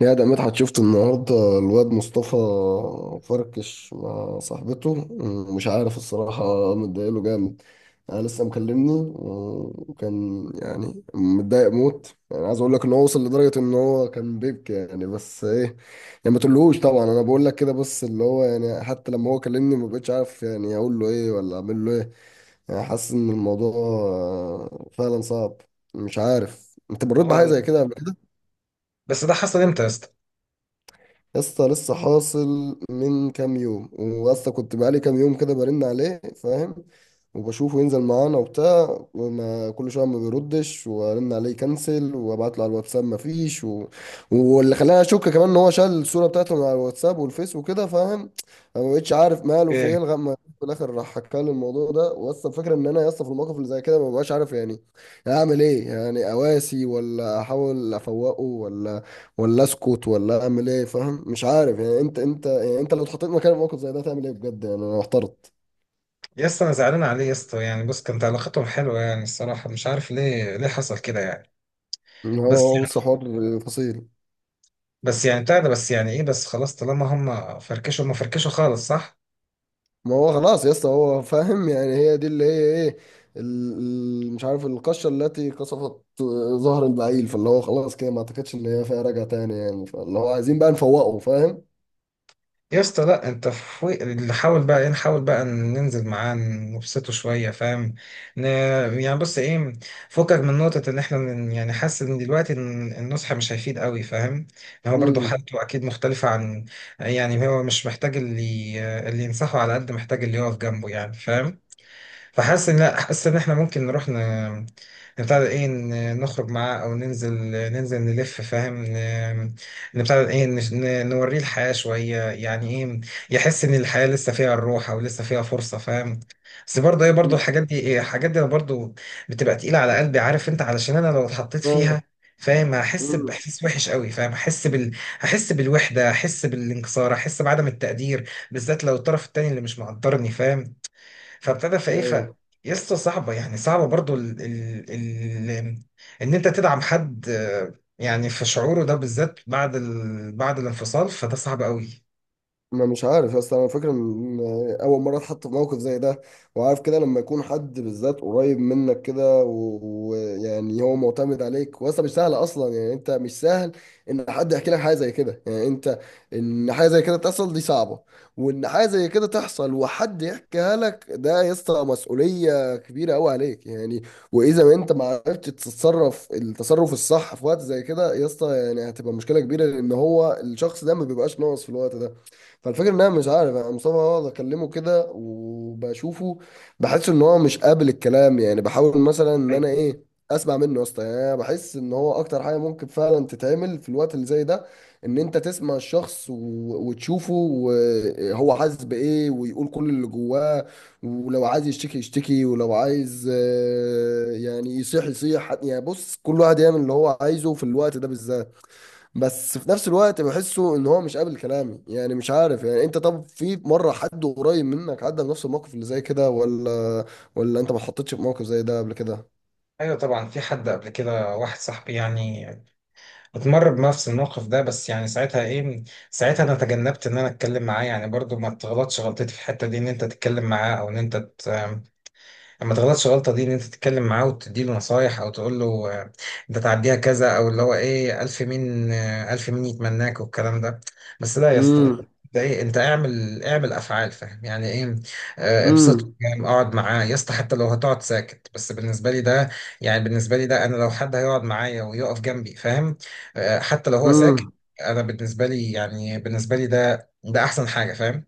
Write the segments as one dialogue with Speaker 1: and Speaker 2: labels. Speaker 1: يا ده مدحت شفت النهارده الواد مصطفى فركش مع صاحبته. مش عارف الصراحة متضايقله جامد. أنا لسه مكلمني وكان يعني متضايق موت، يعني عايز أقول لك إن هو وصل لدرجة إن هو كان بيبكي يعني بس إيه. يعني ما تقولهوش طبعا، أنا بقول لك كده بس اللي هو يعني حتى لما هو كلمني ما بقتش عارف يعني أقول له إيه ولا أعمل له إيه. يعني حاسس إن الموضوع فعلا صعب. مش عارف أنت مريت بحاجة
Speaker 2: اه.
Speaker 1: زي كده.
Speaker 2: بس ده حصل امتى يا اسطى؟
Speaker 1: يا اسطى لسه حاصل من كام يوم، واسطى كنت بقالي كام يوم كده برن عليه فاهم. وبشوفه ينزل معانا وبتاع، وما كل شويه ما بيردش وارن عليه كنسل وابعت له على الواتساب ما فيش و... واللي خلاني اشك كمان ان هو شال الصوره بتاعته من على الواتساب والفيس وكده فاهم. أنا ما بقتش عارف ماله في
Speaker 2: إيه؟
Speaker 1: ايه لغايه ما في الاخر راح حكى لي الموضوع ده. واسطى الفكره ان انا يا اسطى في الموقف اللي زي كده ما ببقاش عارف يعني اعمل ايه، يعني اواسي ولا احاول افوقه ولا اسكت ولا اعمل ايه فاهم. مش عارف يعني انت يعني انت لو اتحطيت مكان موقف زي ده تعمل ايه بجد يعني انا محترت.
Speaker 2: يا اسطى انا زعلان عليه يا اسطى، يعني بص كانت علاقتهم حلوه. يعني الصراحه مش عارف ليه حصل كده يعني.
Speaker 1: ان هو
Speaker 2: بس
Speaker 1: هو بص حوار فصيل.
Speaker 2: بس يعني بتاع ده، بس يعني ايه، بس خلاص طالما هم فركشوا هم فركشوا خالص، صح؟
Speaker 1: ما هو خلاص يا اسطى هو فاهم، يعني هي دي اللي هي ايه مش عارف القشة التي قصفت ظهر البعيل. فاللي هو خلاص كده ما اعتقدش ان هي فيها رجعة تاني يعني فاللي هو عايزين بقى نفوقه فاهم.
Speaker 2: يا اسطى لا، انت في اللي حاول بقى ايه، نحاول بقى ننزل معاه نبسطه شويه فاهم. ن... يعني بص ايه، فكك من نقطه ان احنا يعني حاسس ان دلوقتي ان النصح مش هيفيد قوي فاهم. يعني هو برضه
Speaker 1: امم.
Speaker 2: حالته اكيد مختلفه عن، يعني هو مش محتاج اللي اللي ينصحه، على قد محتاج اللي يقف جنبه يعني فاهم. فحاسس ان لا، حاسس ان احنا ممكن نروح نبتدي ايه، نخرج معاه او ننزل نلف فاهم. نبتدي ايه، نوريه الحياة شوية، يعني ايه، يحس ان الحياة لسه فيها الروح، او لسه فيها فرصة فاهم. بس برضه ايه، برضه
Speaker 1: امم.
Speaker 2: الحاجات دي، ايه الحاجات دي، برضه بتبقى تقيلة على قلبي، عارف انت، علشان انا لو اتحطيت
Speaker 1: آه.
Speaker 2: فيها فاهم هحس
Speaker 1: امم.
Speaker 2: باحساس وحش قوي فاهم. هحس بال، هحس بالوحده، هحس بالانكسار، هحس بعدم التقدير، بالذات لو الطرف التاني اللي مش مقدرني فاهم. فابتدى في ايه، ف
Speaker 1: ايوه.
Speaker 2: يا اسطى صعبه، يعني صعبه برضو، ان انت تدعم حد، آه، يعني في شعوره ده بالذات بعد بعد الانفصال، فده صعب قوي.
Speaker 1: ما مش عارف اصل انا فاكر ان اول مره اتحط في موقف زي ده. وعارف كده لما يكون حد بالذات قريب منك كده ويعني هو معتمد عليك، واصلا مش سهل اصلا يعني انت مش سهل ان حد يحكي لك حاجه زي كده، يعني انت ان حاجه زي كده تحصل دي صعبه. وان حاجه زي كده تحصل وحد يحكيها لك ده يا اسطى مسؤوليه كبيره قوي عليك يعني. واذا ما انت ما عرفتش تتصرف التصرف الصح في وقت زي كده يا اسطى يعني هتبقى مشكله كبيره لان هو الشخص ده ما بيبقاش ناقص في الوقت ده. فالفكرة ان انا مش عارف انا مصطفى اقعد اكلمه كده وبشوفه بحس ان هو مش قابل الكلام. يعني بحاول مثلا ان
Speaker 2: ايوه،
Speaker 1: انا ايه اسمع منه يا اسطى، يعني انا بحس ان هو اكتر حاجة ممكن فعلا تتعمل في الوقت اللي زي ده ان انت تسمع الشخص و... وتشوفه وهو حاسس بايه ويقول كل اللي جواه. ولو عايز يشتكي يشتكي، ولو عايز يعني يصيح يصيح، يعني بص كل واحد يعمل اللي هو عايزه في الوقت ده بالذات. بس في نفس الوقت بحسه ان هو مش قابل كلامي يعني مش عارف. يعني انت طب في مره حد قريب منك عدى بنفس الموقف اللي زي كده ولا انت ما اتحطيتش في موقف زي ده قبل كده؟
Speaker 2: ايوه طبعا، في حد قبل كده، واحد صاحبي يعني اتمر بنفس الموقف ده. بس يعني ساعتها ايه، ساعتها انا تجنبت ان انا اتكلم معاه يعني، برضو ما تغلطش غلطتي في الحته دي، ان انت تتكلم معاه او ان انت ما تغلطش غلطة دي، ان انت تتكلم معاه وتديله نصايح او تقول له آه، انت تعديها كذا، او اللي هو ايه، الف مين، آه، الف مين يتمناك، والكلام ده. بس لا يا اسطى،
Speaker 1: امم.
Speaker 2: انت ايه، انت اعمل افعال فاهم يعني ايه، آه، ابسطه
Speaker 1: امم.
Speaker 2: فاهم، اقعد معاه يا اسطى، حتى لو هتقعد ساكت، بس بالنسبة لي ده، يعني بالنسبة لي ده، انا لو حد هيقعد معايا ويقف جنبي فاهم، آه، حتى لو هو ساكت،
Speaker 1: امم.
Speaker 2: انا بالنسبة لي، يعني بالنسبة لي ده احسن حاجة فاهم.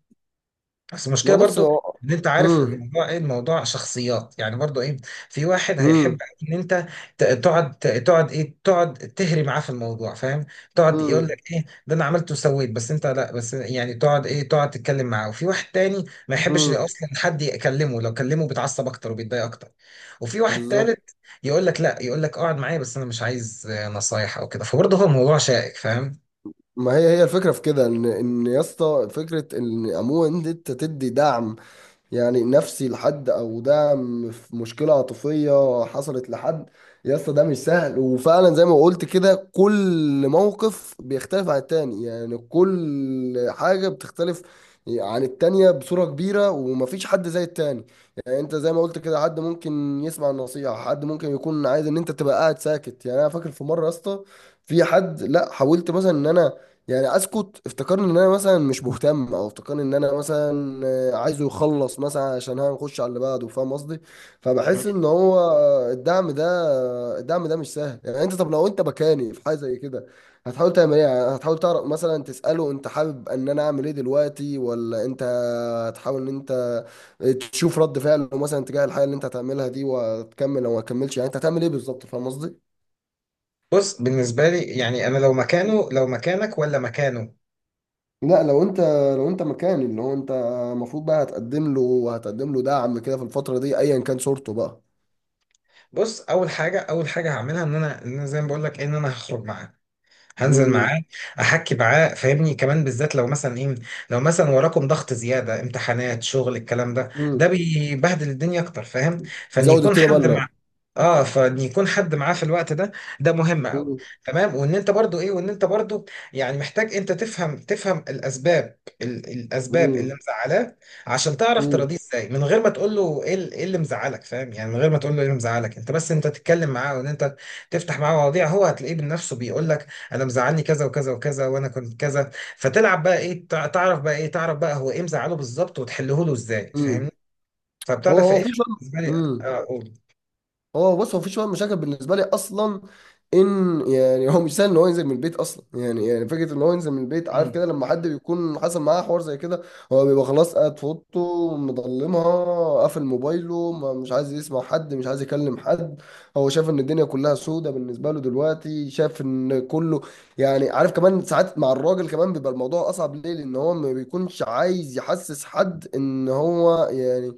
Speaker 2: بس
Speaker 1: ما
Speaker 2: المشكله
Speaker 1: بص
Speaker 2: برضو
Speaker 1: هو.
Speaker 2: ان انت عارف
Speaker 1: امم.
Speaker 2: الموضوع ايه، الموضوع شخصيات يعني، برضو ايه، في واحد هيحب
Speaker 1: امم.
Speaker 2: ان انت تقعد ايه، تقعد تهري معاه في الموضوع فاهم، تقعد يقول لك
Speaker 1: امم.
Speaker 2: ايه ده انا عملت وسويت، بس انت لا، بس يعني تقعد ايه، تقعد تتكلم معاه. وفي واحد تاني ما يحبش
Speaker 1: امم.
Speaker 2: اصلا حد يكلمه، لو كلمه بيتعصب اكتر وبيتضايق اكتر. وفي واحد
Speaker 1: بالظبط.
Speaker 2: تالت يقول لك لا، يقول لك اقعد معايا، بس انا مش عايز آه، نصايح او كده. فبرضه هو الموضوع شائك فاهم.
Speaker 1: ما هي هي الفكره في كده ان يا اسطى فكره ان عموما انت تدي دعم. يعني نفسي لحد او دعم في مشكله عاطفيه حصلت لحد. يا اسطى ده مش سهل، وفعلا زي ما قلت كده كل موقف بيختلف عن التاني، يعني كل حاجه بتختلف عن التانية بصوره كبيره ومفيش حد زي التاني. يعني انت زي ما قلت كده حد ممكن يسمع النصيحه، حد ممكن يكون عايز ان انت تبقى قاعد ساكت. يعني انا فاكر في مره يا اسطى في حد لا حاولت مثلا ان انا يعني اسكت افتكرني ان انا مثلا مش مهتم، او افتكرني ان انا مثلا عايزه يخلص مثلا عشان هنخش على اللي بعده فاهم قصدي. فبحس ان هو الدعم ده الدعم ده مش سهل. يعني انت طب لو انت مكاني في حاجه زي كده هتحاول تعمل ايه؟ يعني هتحاول تعرف مثلا تساله انت حابب ان انا اعمل ايه دلوقتي، ولا انت هتحاول ان انت تشوف رد فعله مثلا تجاه الحاجه اللي انت هتعملها دي وتكمل او ما تكملش؟ يعني انت هتعمل ايه بالظبط فاهم قصدي.
Speaker 2: بص بالنسبة لي، يعني أنا لو مكانه، لو مكانك ولا مكانه،
Speaker 1: لا لو انت مكاني اللي هو انت المفروض بقى هتقدم له وهتقدم له دعم كده في الفترة دي ايا كان صورته بقى.
Speaker 2: بص اول حاجه هعملها ان انا زي ما بقول لك إيه، ان انا هخرج معاه، هنزل
Speaker 1: امم.
Speaker 2: معاه، احكي معاه فاهمني، كمان بالذات لو مثلا ايه، لو مثلا وراكم ضغط زياده، امتحانات، شغل، الكلام ده،
Speaker 1: امم.
Speaker 2: ده بيبهدل الدنيا اكتر فاهم. فان
Speaker 1: يزود
Speaker 2: يكون
Speaker 1: التيرة
Speaker 2: حد
Speaker 1: بلة.
Speaker 2: مع اه فان يكون حد معاه في الوقت ده، ده مهم قوي،
Speaker 1: امم.
Speaker 2: تمام. وان انت برضو يعني محتاج، انت تفهم الاسباب، الاسباب اللي
Speaker 1: امم.
Speaker 2: مزعلاه، عشان تعرف تراضيه ازاي من غير ما تقول له ايه، إيه اللي مزعلك فاهم، يعني من غير ما تقول له ايه اللي مزعلك انت، بس انت تتكلم معاه، وان انت تفتح معاه مواضيع، هو هتلاقيه بنفسه بيقول لك انا مزعلني كذا وكذا وكذا، وانا كنت كذا. فتلعب بقى ايه، تعرف بقى ايه، تعرف بقى هو ايه مزعله بالظبط، وتحله له ازاي
Speaker 1: امم.
Speaker 2: فاهمني. فبتاع ده
Speaker 1: هو هو
Speaker 2: فايه
Speaker 1: في شوية.
Speaker 2: بالنسبه لي،
Speaker 1: امم. هو بص هو مفيش مشاكل بالنسبه لي اصلا ان يعني هو مش سهل ان هو ينزل من البيت اصلا. يعني فكره ان هو ينزل من البيت عارف
Speaker 2: اقول.
Speaker 1: كده لما حد بيكون حصل معاه حوار زي كده هو بيبقى خلاص قاعد في اوضته مضلمها قافل موبايله. ما مش عايز يسمع حد مش عايز يكلم حد. هو شايف ان الدنيا كلها سودة بالنسبه له دلوقتي، شايف ان كله يعني عارف. كمان ساعات مع الراجل كمان بيبقى الموضوع اصعب ليه لان هو ما بيكونش عايز يحسس حد ان هو يعني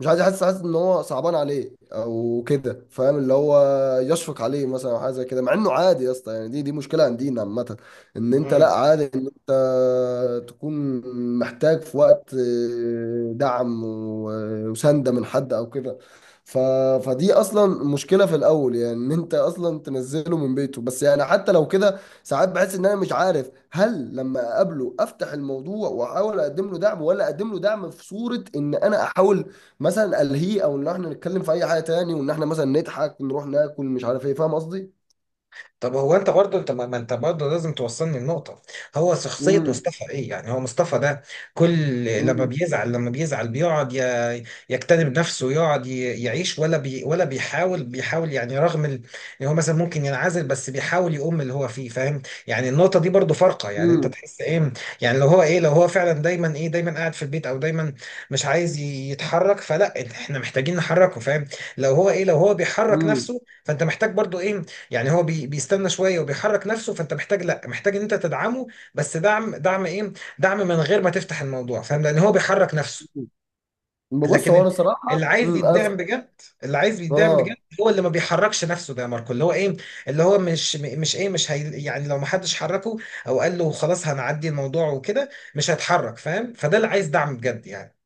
Speaker 1: مش عايز يحس حاسس ان هو صعبان عليه او كده فاهم. اللي هو يشفق عليه مثلا او حاجه زي كده، مع انه عادي يا اسطى يعني دي مشكله عندنا عامه. ان انت لا عادي ان انت تكون محتاج في وقت دعم وسنده من حد او كده. ف... فدي اصلا مشكله في الاول يعني ان انت اصلا تنزله من بيته، بس يعني حتى لو كده ساعات بحس ان انا مش عارف. هل لما اقابله افتح الموضوع واحاول اقدم له دعم، ولا اقدم له دعم في صورة ان انا احاول مثلا الهي، او ان احنا نتكلم في اي حاجه تاني، وان احنا مثلا نضحك نروح ناكل مش عارف ايه فاهم قصدي.
Speaker 2: طب هو انت برضه، انت ما انت برضه لازم توصلني النقطة، هو شخصية
Speaker 1: امم.
Speaker 2: مصطفى ايه، يعني هو مصطفى ده كل لما
Speaker 1: امم.
Speaker 2: بيزعل، لما بيزعل بيقعد يكتنب نفسه، يقعد يعيش، ولا بيحاول يعني، رغم ان هو مثلا ممكن ينعزل، بس بيحاول يقوم اللي هو فيه فاهم. يعني النقطة دي برضه فارقة، يعني انت تحس ايه، يعني لو هو ايه، لو هو فعلا دايما ايه، دايما قاعد في البيت، او دايما مش عايز يتحرك، فلا، احنا محتاجين نحركه فاهم. لو هو ايه، لو هو بيحرك
Speaker 1: امم.
Speaker 2: نفسه، فانت محتاج برضه ايه، يعني هو بيستنى شويه وبيحرك نفسه، فانت محتاج لا، محتاج ان انت تدعمه، بس دعم، دعم ايه، دعم من غير ما تفتح الموضوع فاهم، لان هو بيحرك نفسه.
Speaker 1: ببص
Speaker 2: لكن
Speaker 1: هو انا صراحه
Speaker 2: اللي عايز يدعم بجد، اللي عايز يدعم بجد
Speaker 1: اه.
Speaker 2: هو اللي ما بيحركش نفسه، ده يا ماركو اللي هو ايه، اللي هو مش مش ايه، مش هي، يعني لو ما حدش حركه او قال له خلاص هنعدي الموضوع وكده، مش هيتحرك فاهم، فده اللي عايز دعم بجد يعني.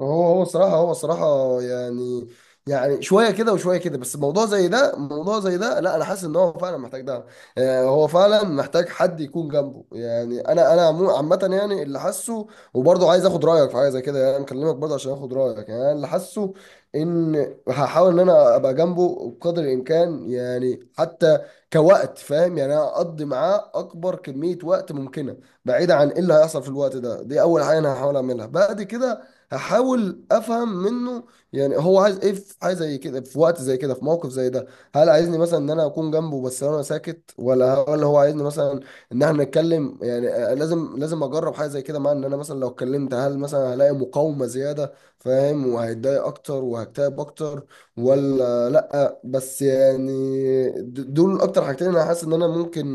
Speaker 1: هو هو صراحة هو صراحة يعني، يعني شوية كده وشوية كده، بس موضوع زي ده موضوع زي ده لا أنا حاسس إن هو فعلا محتاج دعم. هو فعلا محتاج حد يكون جنبه. يعني أنا عامة يعني اللي حاسه. وبرضه عايز آخد رأيك في حاجة زي كده، يعني أنا مكلمك برضه عشان آخد رأيك يعني أنا اللي حاسه. إن هحاول إن أنا أبقى جنبه بقدر الإمكان، يعني حتى كوقت فاهم، يعني أنا أقضي معاه أكبر كمية وقت ممكنة بعيد عن إيه اللي هيحصل في الوقت ده. دي أول حاجة أنا هحاول أعملها. بعد كده هحاول افهم منه يعني هو عايز ايه في حاجه زي كده في وقت زي كده في موقف زي ده. هل عايزني مثلا ان انا اكون جنبه بس انا ساكت، ولا هو عايزني مثلا ان احنا نتكلم؟ يعني لازم اجرب حاجه زي كده. مع ان انا مثلا لو اتكلمت هل مثلا هلاقي مقاومه زياده فاهم وهيتضايق اكتر وهكتئب اكتر، ولا لا بس يعني. دول اكتر حاجتين انا حاسس ان انا ممكن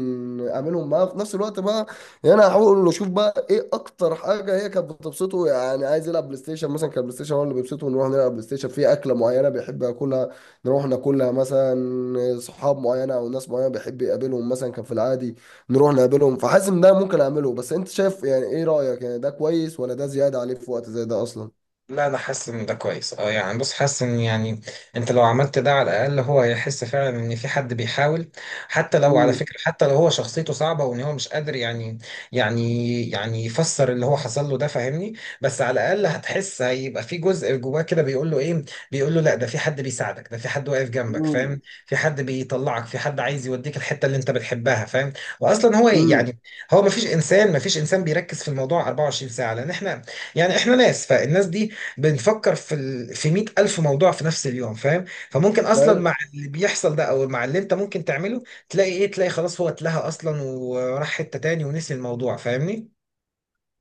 Speaker 1: اعملهم معاه في نفس الوقت بقى. يعني هحاول اقول له شوف بقى ايه اكتر حاجه هي كانت بتبسطه. يعني عايز يلعب بلاي ستيشن مثلا، كان بلاي ستيشن هو اللي بيبسطه نروح نلعب بلاي ستيشن، في اكله معينه بيحب ياكلها نروح ناكلها مثلا، صحاب معينه او ناس معينه بيحب يقابلهم مثلا كان في العادي نروح نقابلهم. فحاسس ان ده ممكن اعمله، بس انت شايف يعني ايه رايك؟ يعني ده كويس ولا ده زياده عليه في وقت زي ده اصلا؟
Speaker 2: لا، انا حاسس ان ده كويس، اه، يعني بص حاسس ان، يعني انت لو عملت ده على الاقل هو هيحس فعلا ان في حد بيحاول، حتى لو على
Speaker 1: مم.
Speaker 2: فكره، حتى لو هو شخصيته صعبه وان هو مش قادر يعني يفسر اللي هو حصل له ده فاهمني، بس على الاقل هتحس هيبقى في جزء جواه كده بيقول له ايه، بيقول له لا، ده في حد بيساعدك، ده في حد واقف جنبك فاهم،
Speaker 1: مم.
Speaker 2: في حد بيطلعك، في حد عايز يوديك الحته اللي انت بتحبها فاهم. واصلا هو إيه،
Speaker 1: مم.
Speaker 2: يعني هو ما فيش انسان، ما فيش انسان بيركز في الموضوع 24 ساعه، لان احنا يعني احنا ناس، فالناس دي بنفكر في في 100,000 موضوع في نفس اليوم فاهم، فممكن اصلا
Speaker 1: لا.
Speaker 2: مع اللي بيحصل ده، او مع اللي انت ممكن تعمله، تلاقي ايه، تلاقي خلاص هو اتلهى اصلا وراح حتة تاني ونسي الموضوع فاهمني.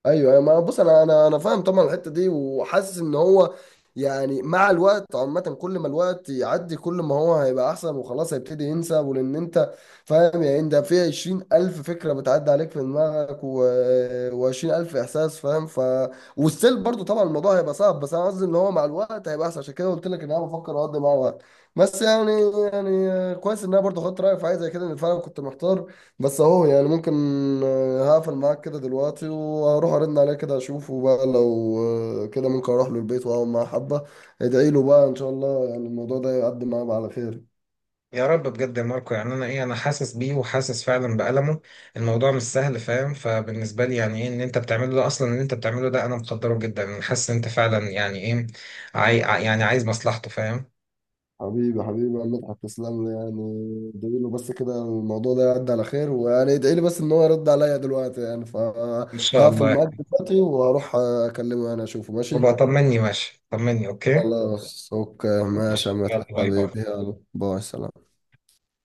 Speaker 1: ايوه ايوه ما بص انا فاهم طبعا الحته دي. وحاسس ان هو يعني مع الوقت عامه كل ما الوقت يعدي كل ما هو هيبقى احسن وخلاص هيبتدي ينسى ولان انت فاهم. يعني انت في 20,000 فكره بتعدي عليك في دماغك وعشرين الف احساس فاهم ف. والسيل برضو طبعا الموضوع هيبقى صعب بس انا قصدي ان هو مع الوقت هيبقى احسن عشان كده قلت لك ان انا بفكر اقضي معاه وقت. بس يعني كويس ان انا برضو خدت رايك في حاجه زي كده ان فعلا كنت محتار. بس اهو يعني ممكن هقفل معاك كده دلوقتي وهروح ارن عليه كده اشوفه بقى، لو كده ممكن اروح له البيت واقعد معاه حبه. ادعي له بقى ان شاء الله يعني الموضوع ده يعدي معاه على خير.
Speaker 2: يا رب بجد يا ماركو، يعني انا ايه، انا حاسس بيه وحاسس فعلا بألمه، الموضوع مش سهل فاهم. فبالنسبة لي يعني ايه ان انت بتعمله ده، اصلا ان انت بتعمله ده، انا مقدره جدا، انا حاسس ان انت فعلا يعني ايه، يعني عايز مصلحته فاهم.
Speaker 1: حبيبي حبيبي يا مدحت تسلم لي يعني. ادعي له بس كده الموضوع ده يعدي على خير، ويعني ادعي لي بس ان هو يرد عليا دلوقتي. يعني
Speaker 2: ان شاء
Speaker 1: فهقفل
Speaker 2: الله.
Speaker 1: معاك دلوقتي وهروح اكلمه يعني اشوفه
Speaker 2: وبقى
Speaker 1: ماشي.
Speaker 2: طمني ماشي، طمني اوكي.
Speaker 1: خلاص اوكي ماشي يا
Speaker 2: ماشي، يلا
Speaker 1: مدحت
Speaker 2: باي باي.
Speaker 1: حبيبي، يلا باي سلام.